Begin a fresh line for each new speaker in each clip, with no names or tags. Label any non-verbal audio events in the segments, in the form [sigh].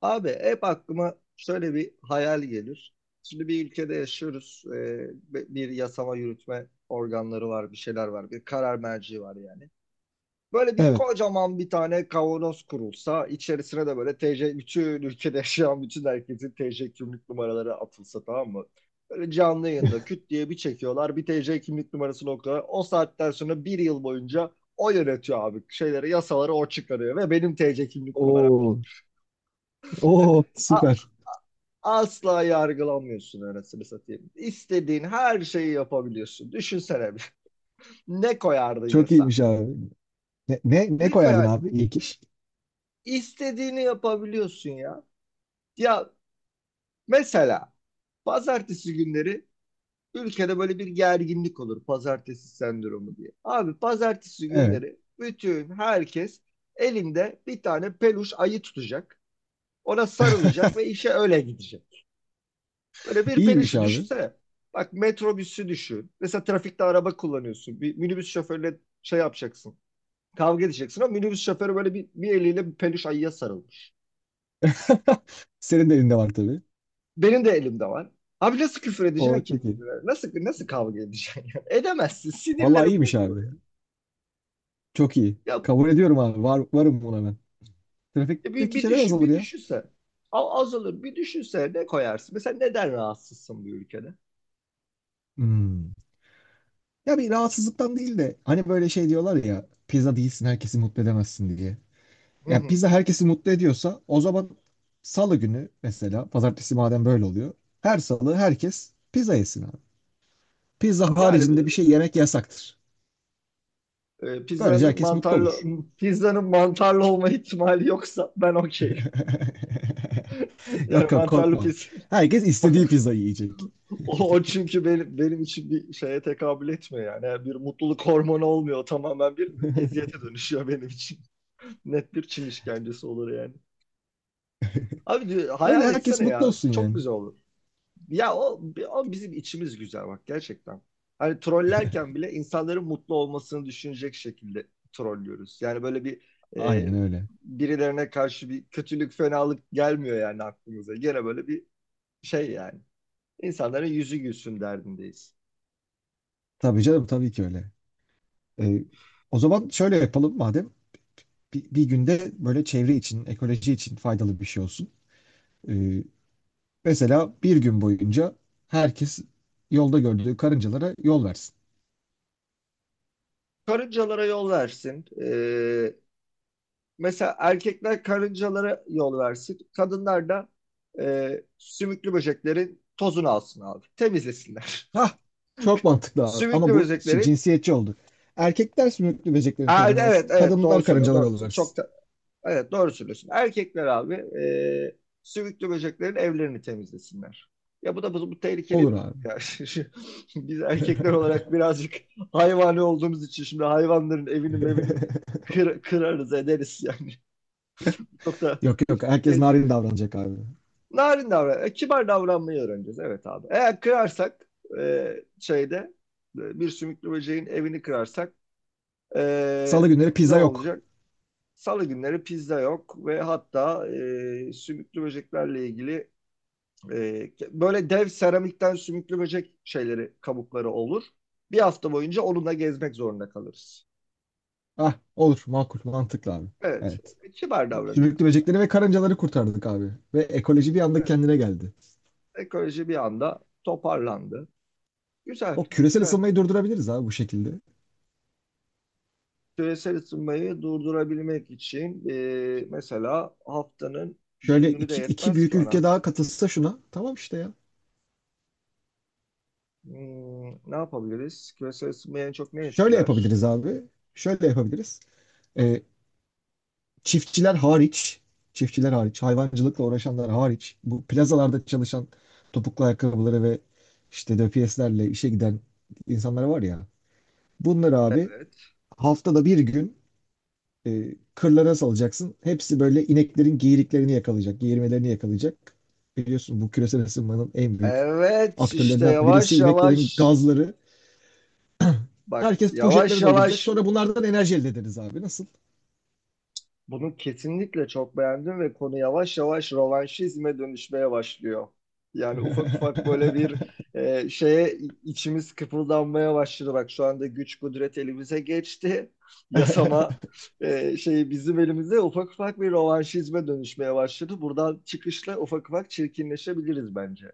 Abi hep aklıma şöyle bir hayal gelir. Şimdi bir ülkede yaşıyoruz. Bir yasama yürütme organları var, bir şeyler var, bir karar merci var yani. Böyle bir
Evet.
kocaman bir tane kavanoz kurulsa, içerisine de böyle TC, bütün ülkede yaşayan bütün herkesin TC kimlik numaraları atılsa tamam mı? Böyle canlı yayında
[laughs]
küt diye bir çekiyorlar, bir TC kimlik numarasını okuyorlar. O saatten sonra bir yıl boyunca o yönetiyor abi. Şeyleri, yasaları o çıkarıyor ve benim TC kimlik numaram.
Oo, oo, süper.
Asla yargılanmıyorsun anasını satayım. İstediğin her şeyi yapabiliyorsun. Düşünsene bir. [laughs] Ne koyardın ya
Çok
sen?
iyiymiş abi. Ne
Ne
koyardın
koyar?
abi? İlk iş.
İstediğini yapabiliyorsun ya. Ya mesela pazartesi günleri ülkede böyle bir gerginlik olur. Pazartesi sendromu diye. Abi pazartesi
Evet.
günleri bütün herkes elinde bir tane peluş ayı tutacak. Ona sarılacak ve
[laughs]
işe öyle gidecek. Böyle bir
İyiymiş
perişi
abi.
düşünsene. Bak metrobüsü düşün. Mesela trafikte araba kullanıyorsun. Bir minibüs şoförüyle şey yapacaksın. Kavga edeceksin ama minibüs şoförü böyle bir eliyle bir peluş ayıya sarılmış.
[laughs] Senin de elinde var tabii.
Benim de elimde var. Abi nasıl küfür
O
edeceksin ki
çok iyi.
birbirine? Nasıl kavga edeceksin yani? [laughs] Edemezsin.
Vallahi
Sinirlerim
iyiymiş
bozulur
abi.
ya.
Çok iyi.
Ya
Kabul ediyorum abi. Varım buna ben.
bir,
Trafikteki
bir
şeyler
düşün,
azalır
bir
ya.
düşünse. Azalır. Bir düşünse ne koyarsın? Mesela neden rahatsızsın bu ülkede?
Hmm. Ya bir rahatsızlıktan değil de hani böyle şey diyorlar ya pizza değilsin herkesi mutlu edemezsin diye.
Hı
Ya
hı.
pizza herkesi mutlu ediyorsa o zaman salı günü mesela pazartesi madem böyle oluyor her salı herkes pizza yesin abi. Pizza
Yani
haricinde bir şey yemek yasaktır.
Ee,
Böylece
pizzanın
herkes mutlu
mantarlı
olur.
pizzanın mantarlı olma ihtimali yoksa ben okeyim.
[laughs]
[laughs] Yani
Yok yok
mantarlı
korkma.
pizza.
Herkes istediği
[laughs]
pizzayı yiyecek.
O çünkü benim için bir şeye tekabül etmiyor yani. Yani bir mutluluk hormonu olmuyor. Tamamen bir eziyete dönüşüyor benim için. [laughs] Net bir Çin işkencesi olur yani. Abi diyor,
Böyle
hayal
herkes
etsene
mutlu
ya.
olsun
Çok
yani.
güzel olur. Ya o, o bizim içimiz güzel bak gerçekten. Hani trollerken bile insanların mutlu olmasını düşünecek şekilde trollüyoruz. E,
Aynen öyle.
Birilerine karşı bir kötülük, fenalık gelmiyor yani aklımıza. Gene böyle bir şey yani. İnsanların yüzü gülsün derdindeyiz.
Tabii canım tabii ki öyle. Ee, O zaman şöyle yapalım madem. Bir günde böyle çevre için, ekoloji için faydalı bir şey olsun. Ee, Mesela bir gün boyunca herkes yolda gördüğü karıncalara yol versin.
Karıncalara yol versin. Mesela erkekler karıncalara yol versin. Kadınlar da sümüklü böceklerin tozunu alsın abi. Temizlesinler.
Hah, çok
[laughs]
mantıklı abi. Ama
Sümüklü böceklerin.
cinsiyetçi oldu. Erkekler sümüklü böceklerin
Aa,
tozunu
evet,
alsın.
evet, doğru
Kadınlar
söylüyorsun.
karıncalar yollarız.
Evet, doğru söylüyorsun. Erkekler abi e, sümüklü böceklerin evlerini temizlesinler. Ya bu da bu tehlikeli
Olur
bir durum
abi.
ya. [laughs] Biz erkekler olarak birazcık hayvani olduğumuz için şimdi hayvanların evini mevini de
[laughs]
kırarız ederiz yani. [laughs] Çok da
Yok yok herkes
şey,
narin davranacak abi.
narin davran, e, Kibar davranmayı öğreneceğiz. Evet abi. Eğer kırarsak e, şeyde bir sümüklü böceğin evini kırarsak
Salı
e,
günleri
ne
pizza yok.
olacak? Salı günleri pizza yok ve hatta sümüklü böceklerle ilgili böyle dev seramikten sümüklü böcek şeyleri, kabukları olur. Bir hafta boyunca onunla gezmek zorunda kalırız.
Ah olur makul mantıklı abi.
Evet,
Evet.
kibar
Bak sümüklü
davranacağız.
böcekleri ve karıncaları kurtardık abi. Ve ekoloji bir anda kendine geldi.
Ekoloji bir anda toparlandı. Güzel,
O küresel
güzel.
ısınmayı durdurabiliriz abi bu şekilde.
Küresel ısınmayı durdurabilmek için mesela haftanın bir
Şöyle
günü de
iki
yetmez
büyük
ki
ülke
ona.
daha katılsa şuna. Tamam işte ya.
Hmm, ne yapabiliriz? Küresel ısınmayı en çok ne
Şöyle
etkiler?
yapabiliriz abi. Şöyle yapabiliriz. Ee, Çiftçiler hariç, çiftçiler hariç, hayvancılıkla uğraşanlar hariç, bu plazalarda çalışan topuklu ayakkabıları ve işte döpiyeslerle işe giden insanlar var ya. Bunları abi
Evet.
haftada bir gün kırlara salacaksın. Hepsi böyle ineklerin geyiriklerini yakalayacak, geğirmelerini yakalayacak. Biliyorsun bu küresel ısınmanın en büyük
Evet işte
aktörlerinden birisi
yavaş
ineklerin
yavaş,
gazları.
bak
Herkes
yavaş
poşetleri dolduracak.
yavaş
Sonra bunlardan enerji elde ederiz abi. Nasıl?
bunu kesinlikle çok beğendim ve konu yavaş yavaş rövanşizme dönüşmeye başlıyor. Yani ufak ufak
[laughs]
böyle bir e, şeye i- içimiz kıpıldanmaya başladı. Bak şu anda güç kudret elimize geçti. [laughs] Yasama Şeyi bizim elimize ufak ufak bir rövanşizme dönüşmeye başladı. Buradan çıkışla ufak ufak çirkinleşebiliriz bence.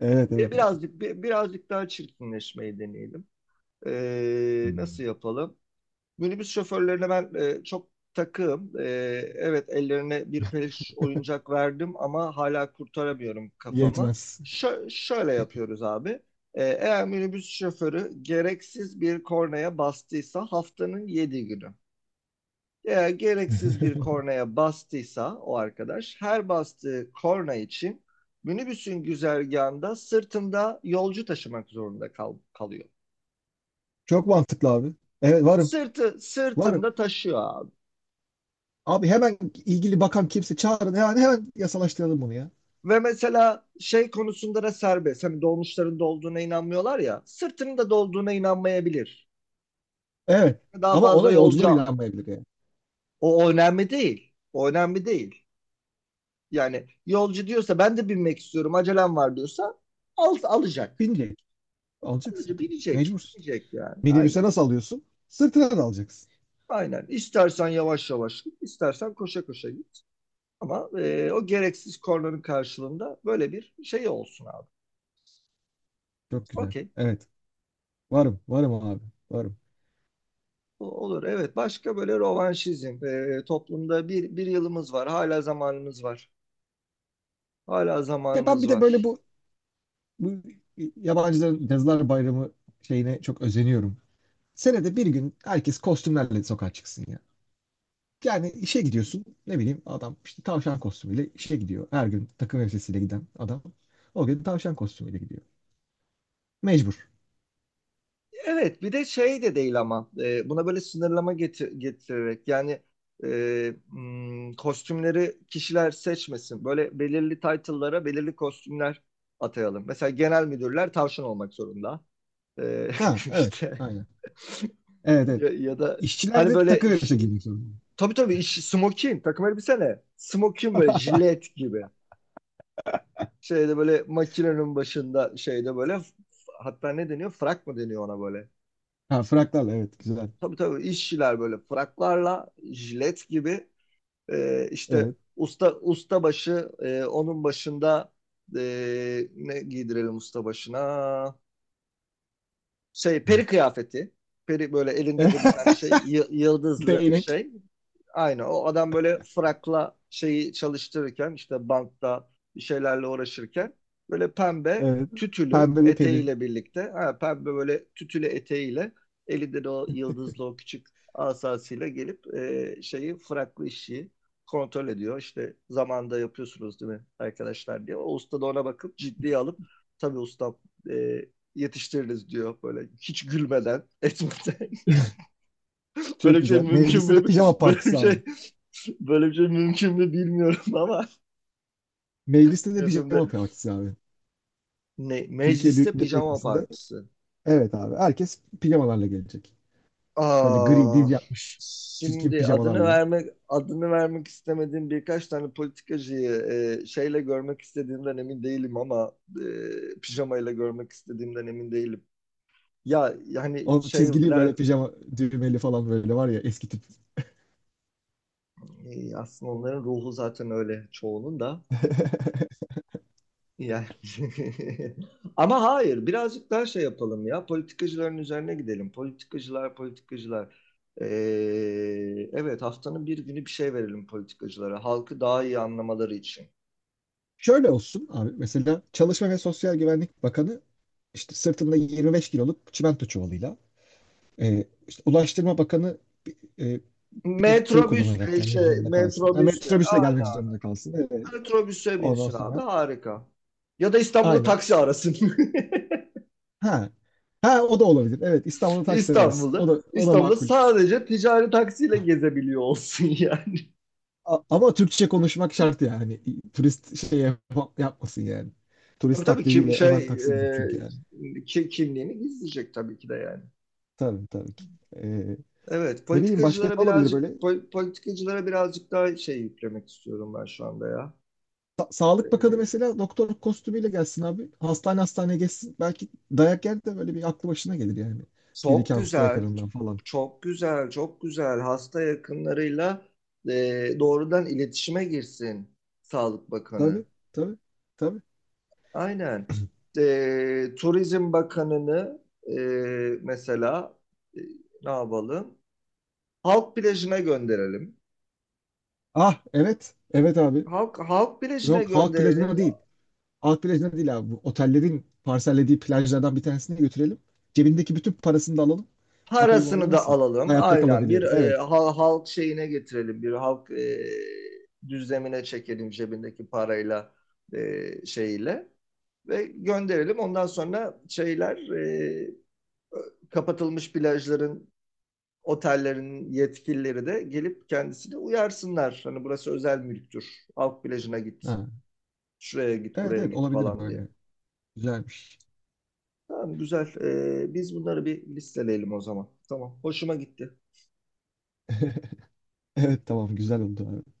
Evet evet abi.
Birazcık daha çirkinleşmeyi deneyelim.
Hmm.
Nasıl yapalım? Minibüs şoförlerine ben çok takığım. Evet, ellerine bir peluş oyuncak verdim ama hala kurtaramıyorum kafamı.
Yetmez.
Şöyle yapıyoruz abi. Eğer minibüs şoförü gereksiz bir kornaya bastıysa haftanın 7 günü. Eğer gereksiz bir
[laughs]
kornaya bastıysa o arkadaş her bastığı korna için minibüsün güzergahında sırtında yolcu taşımak zorunda kalıyor.
Çok mantıklı abi. Evet varım.
Sırtı
Varım.
sırtında taşıyor abi.
Abi hemen ilgili bakan kimse çağırın. Yani hemen yasalaştıralım bunu ya.
Ve mesela şey konusunda da serbest. Hani dolmuşların dolduğuna inanmıyorlar ya. Sırtının da dolduğuna inanmayabilir.
Evet.
Daha
Ama
fazla
ona yolcular
yolcu.
inanmayabilir yani.
O önemli değil. O önemli değil. Yani yolcu diyorsa ben de binmek istiyorum acelem var diyorsa alacak.
Binecek. Alacaksın
Alıcı
tabii.
binecek.
Mecbursun.
Binecek yani.
Minibüse
Aynen.
nasıl alıyorsun? Sırtına da alacaksın.
Aynen. İstersen yavaş yavaş git, istersen koşa koşa git. Ama o gereksiz kornanın karşılığında böyle bir şey olsun abi.
Çok güzel.
Okey.
Evet. Varım. Varım abi. Varım.
Olur, evet, başka böyle rövanşizm. Toplumda bir yılımız var, hala zamanımız var, hala
Ya ben
zamanımız
bir de böyle
var.
bu, bu yabancıların Yazılar Bayramı şeyine çok özeniyorum. Senede bir gün herkes kostümlerle sokağa çıksın. Yani işe gidiyorsun ne bileyim adam işte tavşan kostümüyle işe gidiyor. Her gün takım elbisesiyle giden adam o gün tavşan kostümüyle gidiyor. Mecbur.
Evet, bir de şey de değil ama buna böyle sınırlama getirerek yani, kostümleri kişiler seçmesin, böyle belirli title'lara belirli kostümler atayalım. Mesela genel müdürler tavşan olmak zorunda. Ee,
Ha
[laughs]
evet
işte
aynen. Evet evet.
ya, ya da
İşçiler
hani
de
böyle
takım elbise
ş-
giymek zorunda.
tabii tabii iş, smoking takım elbise ne? Smoking böyle jilet gibi. Şeyde böyle makinenin başında şeyde böyle Hatta ne deniyor? Frak mı deniyor ona böyle?
Ha fraklarla evet güzel.
Tabii tabii işçiler böyle fraklarla jilet gibi, işte
Evet.
usta usta başı, onun başında, ne giydirelim usta başına? Şey, peri kıyafeti. Peri böyle elinde de bir tane
[laughs]
şey yıldızlı
Değnek.
şey. Aynı o adam böyle frakla şeyi çalıştırırken işte bantta bir şeylerle uğraşırken böyle pembe
Evet.
tütülü
Pembe bir peri.
eteğiyle birlikte, ha, pembe böyle tütülü eteğiyle elinde de o yıldızlı o küçük asasıyla gelip şeyi fraklı işi kontrol ediyor. İşte zamanda yapıyorsunuz değil mi arkadaşlar diye. O usta da ona bakıp ciddiye alıp tabii usta e, yetiştiririz diyor böyle hiç gülmeden etmeden. [laughs] Böyle
Çok
bir şey
güzel.
mümkün
Mecliste de
mü?
pijama
Böyle bir
partisi abi.
şey Böyle bir şey mümkün mü bilmiyorum ama
Mecliste
[laughs]
de
gözümde,
pijama partisi abi.
ne
Türkiye
mecliste
Büyük Millet
pijama
Meclisi'nde
partisi.
evet abi herkes pijamalarla gelecek. Böyle gri
Aa,
diz yapmış. Çirkin
şimdi adını
pijamalarla.
vermek adını vermek istemediğim birkaç tane politikacıyı şeyle görmek istediğimden emin değilim ama pijamayla görmek istediğimden emin değilim. Ya yani
O çizgili
şeyler
böyle pijama düğmeli falan böyle var ya eski tip.
Aslında onların ruhu zaten öyle çoğunun da. Yani... [laughs] Ama hayır, birazcık daha şey yapalım ya. Politikacıların üzerine gidelim. Politikacılar, politikacılar. Ee, evet, haftanın bir günü bir şey verelim politikacılara. Halkı daha iyi anlamaları için.
Şöyle olsun abi mesela Çalışma ve Sosyal Güvenlik Bakanı işte sırtında 25 kiloluk çimento çuvalıyla işte Ulaştırma Bakanı e, bir tır kullanarak
Metrobüsle
gelmek
işte,
zorunda kalsın. Ha,
metrobüsle.
metrobüsle
Aynen.
gelmek zorunda kalsın. Evet.
Metrobüse
Ondan
binsin abi,
sonra
harika. Ya da İstanbul'a
aynen
taksi
işte.
arasın. [laughs]
Ha. Ha o da olabilir. Evet İstanbul'da taksi arası.
İstanbul'da.
O da
İstanbul'da
makul.
sadece ticari taksiyle gezebiliyor olsun ya.
Ama Türkçe konuşmak şart yani. Turist şey yapmasın yani.
Tabii
Turist
tabii kim
taklidiyle hemen
şey
taksi bulur çünkü yani.
e, ki- kimliğini gizleyecek tabii ki de yani.
Tabii tabii ki. Ee,
Evet,
Ne bileyim başka ne olabilir böyle?
politikacılara birazcık daha şey yüklemek istiyorum ben şu anda ya. E,
Sağlık Bakanı
bir,
mesela doktor kostümüyle gelsin abi. Hastane hastane geçsin. Belki dayak yer de böyle bir aklı başına gelir yani. Bir
Çok
iki hasta
güzel,
yakınından falan.
çok güzel, çok güzel, hasta yakınlarıyla doğrudan iletişime girsin Sağlık Bakanı.
Tabii tabii tabii.
Aynen. Turizm Bakanını e, mesela e, ne yapalım? Halk plajına gönderelim.
Ah evet evet abi.
Halk bilecine
Yok halk plajına
gönderelim.
değil. Halk plajına değil abi. Bu otellerin parsellediği plajlardan bir tanesine götürelim. Cebindeki bütün parasını da alalım. Bakalım orada
Parasını da
nasıl
alalım.
hayatta
Aynen bir
kalabiliyor.
e,
Evet.
ha- halk şeyine getirelim. Bir halk düzlemine çekelim, cebindeki parayla e, şeyle ve gönderelim. Ondan sonra kapatılmış plajların, otellerin yetkilileri de gelip kendisini uyarsınlar. Hani burası özel mülktür. Halk plajına git.
Ha.
Şuraya git,
Evet
buraya
evet
git
olabilir
falan diye.
böyle. Güzelmiş.
Tamam, güzel. Biz bunları bir listeleyelim o zaman. Tamam. Hoşuma gitti.
[laughs] Evet tamam güzel oldu abi.